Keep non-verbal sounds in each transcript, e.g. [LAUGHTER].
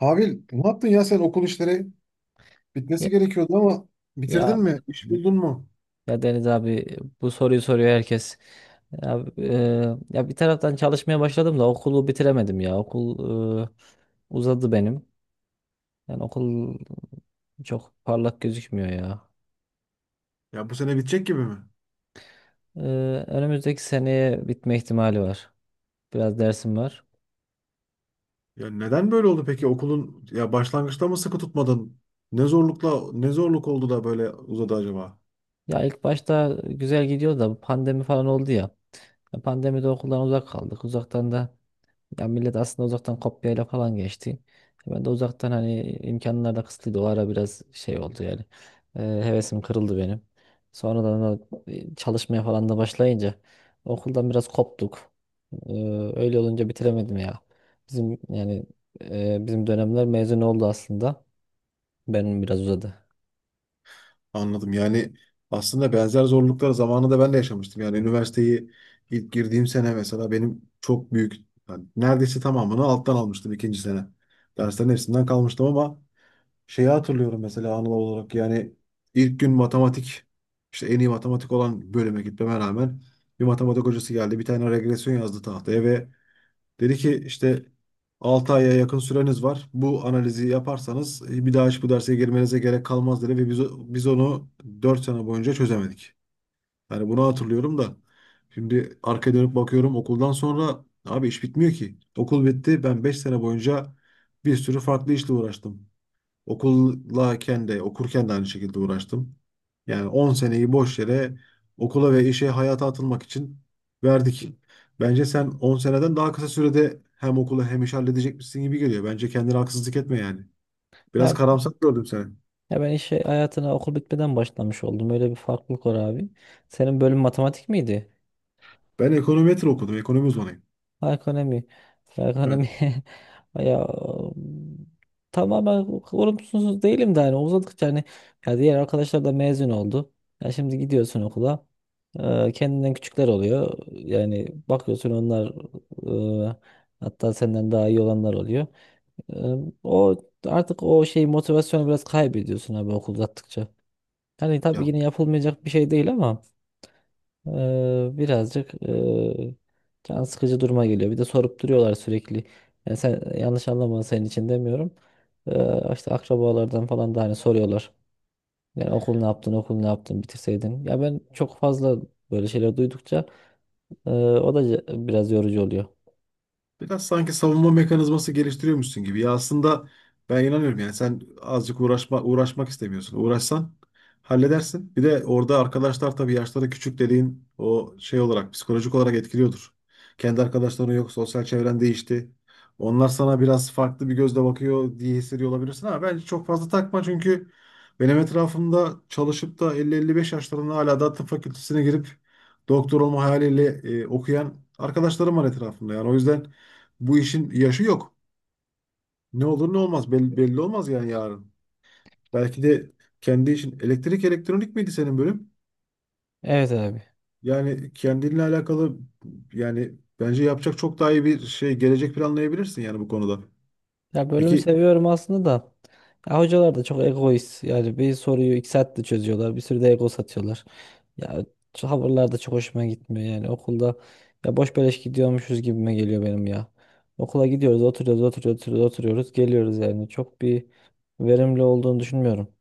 Abi ne yaptın ya sen okul işleri? Bitmesi Ya, gerekiyordu ama ya bitirdin mi? İş buldun mu? ya Deniz abi bu soruyu soruyor herkes. Ya, ya bir taraftan çalışmaya başladım da okulu bitiremedim ya. Okul uzadı benim. Yani okul çok parlak gözükmüyor ya. Ya bu sene bitecek gibi mi? E, Önümüzdeki seneye bitme ihtimali var. Biraz dersim var. Ya neden böyle oldu peki okulun ya başlangıçta mı sıkı tutmadın? Ne zorlukla ne zorluk oldu da böyle uzadı acaba? Ya ilk başta güzel gidiyor da bu pandemi falan oldu ya. Ya pandemide okuldan uzak kaldık. Uzaktan da Ya millet aslında uzaktan kopyayla falan geçti. Ben de uzaktan hani imkanlar da kısıtlıydı. O ara biraz şey oldu yani. Hevesim kırıldı benim. Sonradan da çalışmaya falan da başlayınca okuldan biraz koptuk. Ee, Öyle olunca bitiremedim ya. Bizim yani, bizim dönemler mezun oldu aslında. Benim biraz uzadı. Anladım. Yani aslında benzer zorluklar zamanında ben de yaşamıştım. Yani üniversiteyi ilk girdiğim sene mesela benim çok büyük yani neredeyse tamamını alttan almıştım ikinci sene. Derslerin hepsinden kalmıştım ama şeyi hatırlıyorum mesela anılar olarak yani ilk gün matematik işte en iyi matematik olan bölüme gitmeme rağmen bir matematik hocası geldi bir tane regresyon yazdı tahtaya ve dedi ki işte 6 aya yakın süreniz var. Bu analizi yaparsanız bir daha hiç bu derse girmenize gerek kalmaz dedi ve biz onu 4 sene boyunca çözemedik. Yani bunu hatırlıyorum da şimdi arkaya dönüp bakıyorum okuldan sonra abi iş bitmiyor ki. Okul bitti, ben 5 sene boyunca bir sürü farklı işle uğraştım. Okuldayken de okurken de aynı şekilde uğraştım. Yani 10 seneyi boş yere okula ve işe, hayata atılmak için verdik. Bence sen 10 seneden daha kısa sürede hem okulu hem işi halledecekmişsin gibi geliyor. Bence kendine haksızlık etme yani. Biraz Ya, karamsar gördüm seni. ya ben işe hayatına okul bitmeden başlamış oldum. Öyle bir farklılık var abi. Senin bölüm matematik miydi? Ben ekonometri okudum. Ekonomi uzmanıyım. Ekonomi. Evet. Ekonomi. [LAUGHS] Ya tamamen olumsuz değilim de hani uzadıkça hani ya diğer arkadaşlar da mezun oldu. Ya şimdi gidiyorsun okula. Kendinden küçükler oluyor. Yani bakıyorsun onlar, e, hatta senden daha iyi olanlar oluyor. E, O artık o şey motivasyonu biraz kaybediyorsun abi okul uzattıkça. Hani tabii Ya, yine yapılmayacak bir şey değil ama birazcık can sıkıcı duruma geliyor. Bir de sorup duruyorlar sürekli. Yani sen yanlış anlama, senin için demiyorum. İşte akrabalardan falan da hani soruyorlar. Yani okul ne yaptın, okul ne yaptın, bitirseydin. Ya ben çok fazla böyle şeyler duydukça o da biraz yorucu oluyor. biraz sanki savunma mekanizması geliştiriyormuşsun gibi. Ya aslında ben inanıyorum yani sen azıcık uğraşma, uğraşmak istemiyorsun. Uğraşsan halledersin. Bir de orada arkadaşlar tabii yaşları küçük dediğin o şey olarak, psikolojik olarak etkiliyordur. Kendi arkadaşların yok, sosyal çevren değişti. Onlar sana biraz farklı bir gözle bakıyor diye hissediyor olabilirsin ama bence çok fazla takma çünkü benim etrafımda çalışıp da 50-55 yaşlarında hala da tıp fakültesine girip doktor olma hayaliyle okuyan arkadaşlarım var etrafımda. Yani o yüzden bu işin yaşı yok. Ne olur ne olmaz belli, belli olmaz yani yarın. Belki de kendi işin, elektrik elektronik miydi senin bölüm? Evet abi. Yani kendinle alakalı yani bence yapacak çok daha iyi bir şey, gelecek planlayabilirsin yani bu konuda. Ya bölümü Peki, seviyorum aslında da. Ya hocalar da çok egoist. Yani bir soruyu 2 saatte çözüyorlar. Bir sürü de ego satıyorlar. Ya şu tavırlar da çok hoşuma gitmiyor yani. Okulda ya boş beleş gidiyormuşuz gibime geliyor benim ya. Okula gidiyoruz, oturuyoruz, oturuyoruz, oturuyoruz, oturuyoruz, geliyoruz yani. Çok bir verimli olduğunu düşünmüyorum.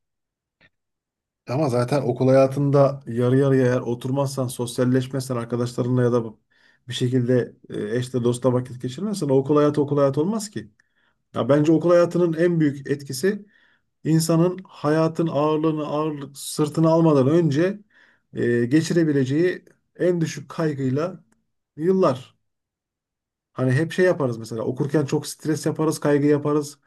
ama zaten okul hayatında yarı yarıya eğer oturmazsan, sosyalleşmezsen arkadaşlarınla ya da bir şekilde eşle dostla vakit geçirmezsen o okul hayatı okul hayatı olmaz ki. Ya bence okul hayatının en büyük etkisi insanın, hayatın ağırlığını, ağırlık sırtına almadan önce geçirebileceği en düşük kaygıyla yıllar. Hani hep şey yaparız mesela, okurken çok stres yaparız, kaygı yaparız.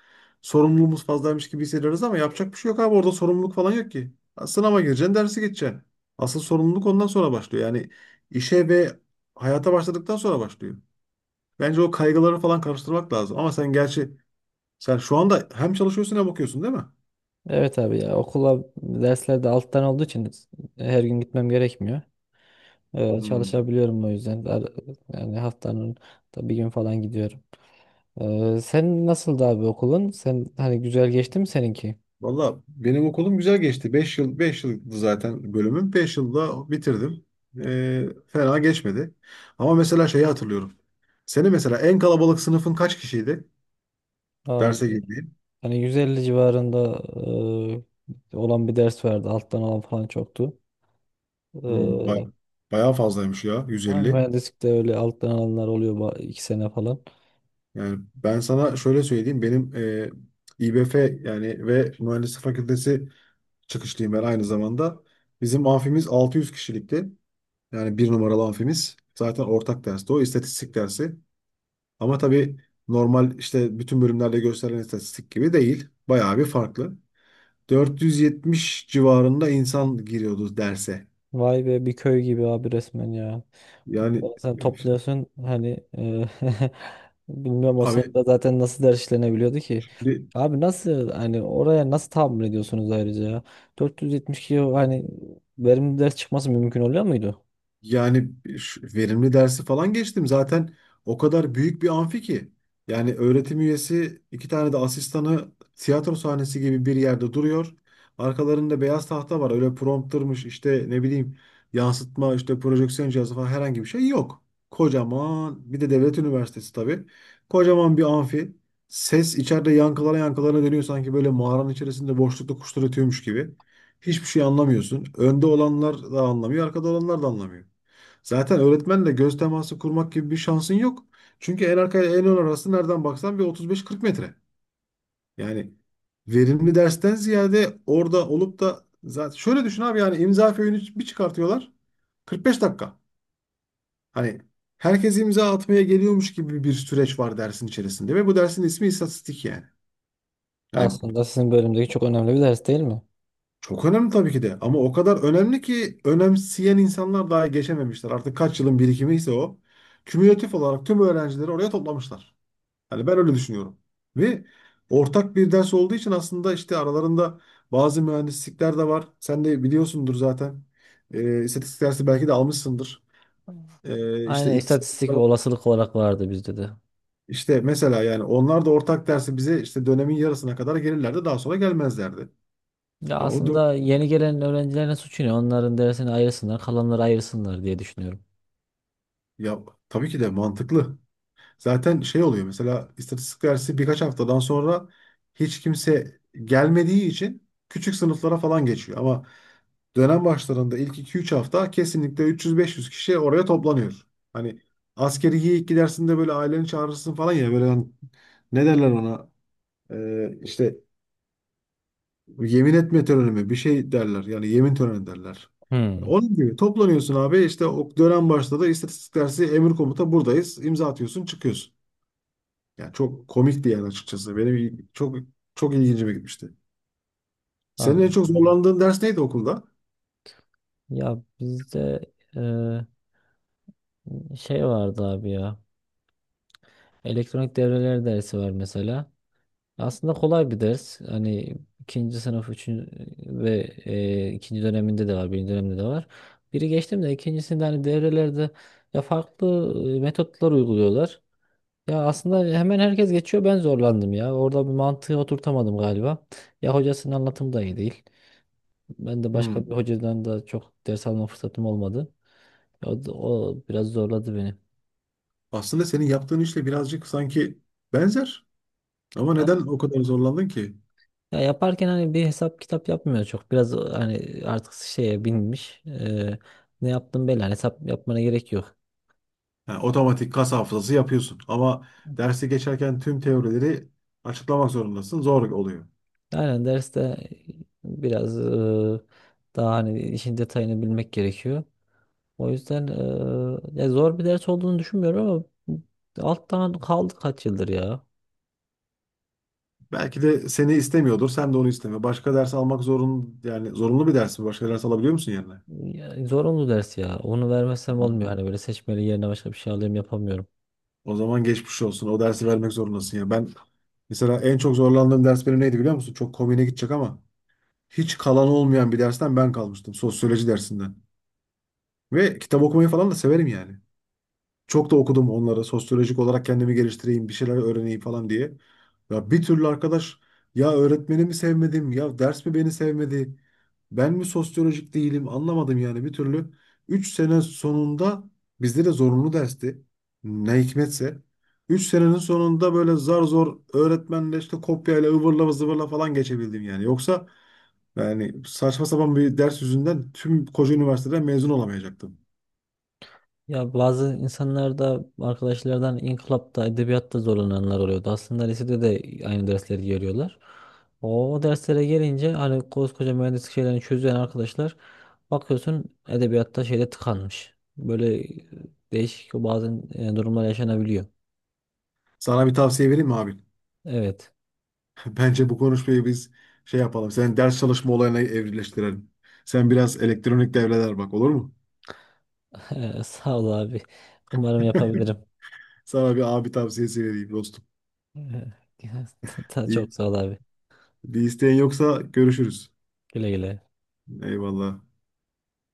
Sorumluluğumuz fazlaymış gibi hissediyoruz ama yapacak bir şey yok abi, orada sorumluluk falan yok ki. Ha, sınava gireceksin, dersi geçeceksin. Asıl sorumluluk ondan sonra başlıyor. Yani işe ve hayata başladıktan sonra başlıyor. Bence o kaygıları falan karıştırmak lazım. Ama sen gerçi sen şu anda hem çalışıyorsun hem okuyorsun değil mi? Evet abi, ya okula derslerde alttan olduğu için her gün gitmem gerekmiyor. Hmm. Çalışabiliyorum o yüzden. Yani haftanın da bir gün falan gidiyorum. Sen nasıldı abi okulun? Sen hani güzel geçti mi seninki? Valla benim okulum güzel geçti. 5 yıl 5 yıldı zaten bölümüm. 5 yılda bitirdim. Fena geçmedi. Ama mesela şeyi hatırlıyorum. Senin mesela en kalabalık sınıfın kaç kişiydi? Am- Derse girdiğin. Hani 150 civarında olan bir ders vardı. Alttan alan falan çoktu. Hmm, Ee, bayağı, bayağı fazlaymış ya, ha, 150. mühendislikte öyle alttan alanlar oluyor 2 sene falan. Yani ben sana şöyle söyleyeyim. Benim İBF yani ve Mühendislik Fakültesi çıkışlıyım ben aynı zamanda. Bizim amfimiz 600 kişilikti. Yani bir numaralı amfimiz. Zaten ortak dersti o istatistik dersi. Ama tabii normal işte bütün bölümlerde gösterilen istatistik gibi değil. Bayağı bir farklı. 470 civarında insan giriyordu derse. Vay be, bir köy gibi abi resmen ya. Yani, Sen topluyorsun hani [LAUGHS] bilmiyorum o e, sırada zaten nasıl ders işlenebiliyordu ki. abi. Abi nasıl, hani oraya nasıl tahammül ediyorsunuz ayrıca ya? 472 o hani verimli ders çıkması mümkün oluyor muydu? Yani şu verimli dersi falan geçtim. Zaten o kadar büyük bir amfi ki. Yani öğretim üyesi, 2 tane de asistanı tiyatro sahnesi gibi bir yerde duruyor. Arkalarında beyaz tahta var. Öyle promptırmış işte, ne bileyim, yansıtma, işte projeksiyon cihazı falan, herhangi bir şey yok. Kocaman bir de devlet üniversitesi tabii. Kocaman bir amfi. Ses içeride yankılara yankılara dönüyor, sanki böyle mağaranın içerisinde boşlukta kuşlar ötüyormuş gibi. Hiçbir şey anlamıyorsun. Önde olanlar da anlamıyor, arkada olanlar da anlamıyor. Zaten öğretmenle göz teması kurmak gibi bir şansın yok. Çünkü en arka ile en ön arası nereden baksan bir 35-40 metre. Yani verimli dersten ziyade orada olup da zaten, şöyle düşün abi, yani imza föyünü bir çıkartıyorlar. 45 dakika. Hani herkes imza atmaya geliyormuş gibi bir süreç var dersin içerisinde ve bu dersin ismi istatistik yani. Yani Aslında sizin bölümdeki çok önemli bir ders değil mi? çok önemli tabii ki de ama o kadar önemli ki önemseyen insanlar daha geçememişler. Artık kaç yılın birikimi ise o. Kümülatif olarak tüm öğrencileri oraya toplamışlar. Hani ben öyle düşünüyorum. Ve ortak bir ders olduğu için aslında işte aralarında bazı mühendislikler de var. Sen de biliyorsundur zaten. İstatistik dersi belki de almışsındır. İşte Aynen, iktisat istatistik da ve var. olasılık olarak vardı bizde de. İşte mesela yani onlar da ortak dersi bize işte dönemin yarısına kadar gelirlerdi. Daha sonra gelmezlerdi. Ya Ha, o dört, aslında yeni gelen öğrencilerin suçu ne? Onların dersini ayırsınlar, kalanları ayırsınlar diye düşünüyorum. ya tabii ki de mantıklı. Zaten şey oluyor mesela istatistik dersi birkaç haftadan sonra hiç kimse gelmediği için küçük sınıflara falan geçiyor. Ama dönem başlarında ilk 2-3 hafta kesinlikle 300-500 kişi oraya toplanıyor. Hani askeri ilk gidersin, böyle aileni çağırırsın falan ya, böyle hani ne derler ona, işte yemin etme töreni mi, bir şey derler yani, yemin töreni derler. Hmm. Onun gibi toplanıyorsun abi işte, o dönem başladı istatistik dersi, emir komuta buradayız, imza atıyorsun çıkıyorsun. Yani çok komik bir yer açıkçası. Benim çok çok ilgincime gitmişti. Senin en Anladım. çok zorlandığın ders neydi okulda? Ya bizde e, şey vardı abi ya. Elektronik devreler dersi var mesela. Aslında kolay bir ders. Hani ikinci sınıf üçüncü ve ikinci döneminde de var, birinci dönemde de var. Biri geçtim de ikincisinde hani devrelerde ya farklı metotlar uyguluyorlar. Ya aslında hemen herkes geçiyor, ben zorlandım ya. Orada bir mantığı oturtamadım galiba. Ya hocasının anlatımı da iyi değil. Ben de başka bir Hmm. hocadan da çok ders alma fırsatım olmadı. O biraz zorladı beni. Aslında senin yaptığın işle birazcık sanki benzer. Ama Ama neden o kadar zorlandın ki? ya yaparken hani bir hesap kitap yapmıyor çok. Biraz hani artık şeye binmiş. Ne yaptım belli. Hani hesap yapmana gerek yok. Ha, otomatik kas hafızası yapıyorsun. Ama dersi geçerken tüm teorileri açıklamak zorundasın. Zor oluyor. Aynen derste biraz daha hani işin detayını bilmek gerekiyor. O yüzden ya zor bir ders olduğunu düşünmüyorum ama alttan kaldı kaç yıldır ya. Belki de seni istemiyordur. Sen de onu isteme. Başka ders almak zorun, yani zorunlu bir ders mi? Başka ders alabiliyor musun yerine? Ya, zorunlu ders ya. Onu vermezsem olmuyor. Hani böyle seçmeli yerine başka bir şey alayım yapamıyorum. O zaman geçmiş olsun. O dersi vermek zorundasın ya. Ben mesela en çok zorlandığım ders benim neydi biliyor musun? Çok komiğine gidecek ama hiç kalan olmayan bir dersten ben kalmıştım. Sosyoloji dersinden. Ve kitap okumayı falan da severim yani. Çok da okudum onları. Sosyolojik olarak kendimi geliştireyim, bir şeyler öğreneyim falan diye. Ya bir türlü arkadaş, ya öğretmeni mi sevmedim, ya ders mi beni sevmedi, ben mi sosyolojik değilim, anlamadım yani bir türlü. 3 sene sonunda, bizde de zorunlu dersti. Ne hikmetse. 3 senenin sonunda böyle zar zor öğretmenle, işte kopyayla ıvırla zıvırla falan geçebildim yani. Yoksa yani saçma sapan bir ders yüzünden tüm koca üniversiteden mezun olamayacaktım. Ya bazı insanlar da arkadaşlardan inkılapta, edebiyatta zorlananlar oluyordu. Aslında lisede de aynı dersleri görüyorlar. O derslere gelince hani koskoca mühendislik şeylerini çözen arkadaşlar bakıyorsun edebiyatta şeyde tıkanmış. Böyle değişik bazen durumlar yaşanabiliyor. Sana bir tavsiye vereyim mi abi? Evet. [LAUGHS] Bence bu konuşmayı biz şey yapalım. Senin ders çalışma olayına evrileştirelim. Sen biraz elektronik devreler bak, olur mu? [LAUGHS] Sağ ol abi. Umarım [LAUGHS] yapabilirim. Sana bir abi tavsiyesi vereyim dostum. Ee, [LAUGHS] İyi. Çok sağ ol abi. Bir isteğin yoksa görüşürüz. Güle güle. Eyvallah.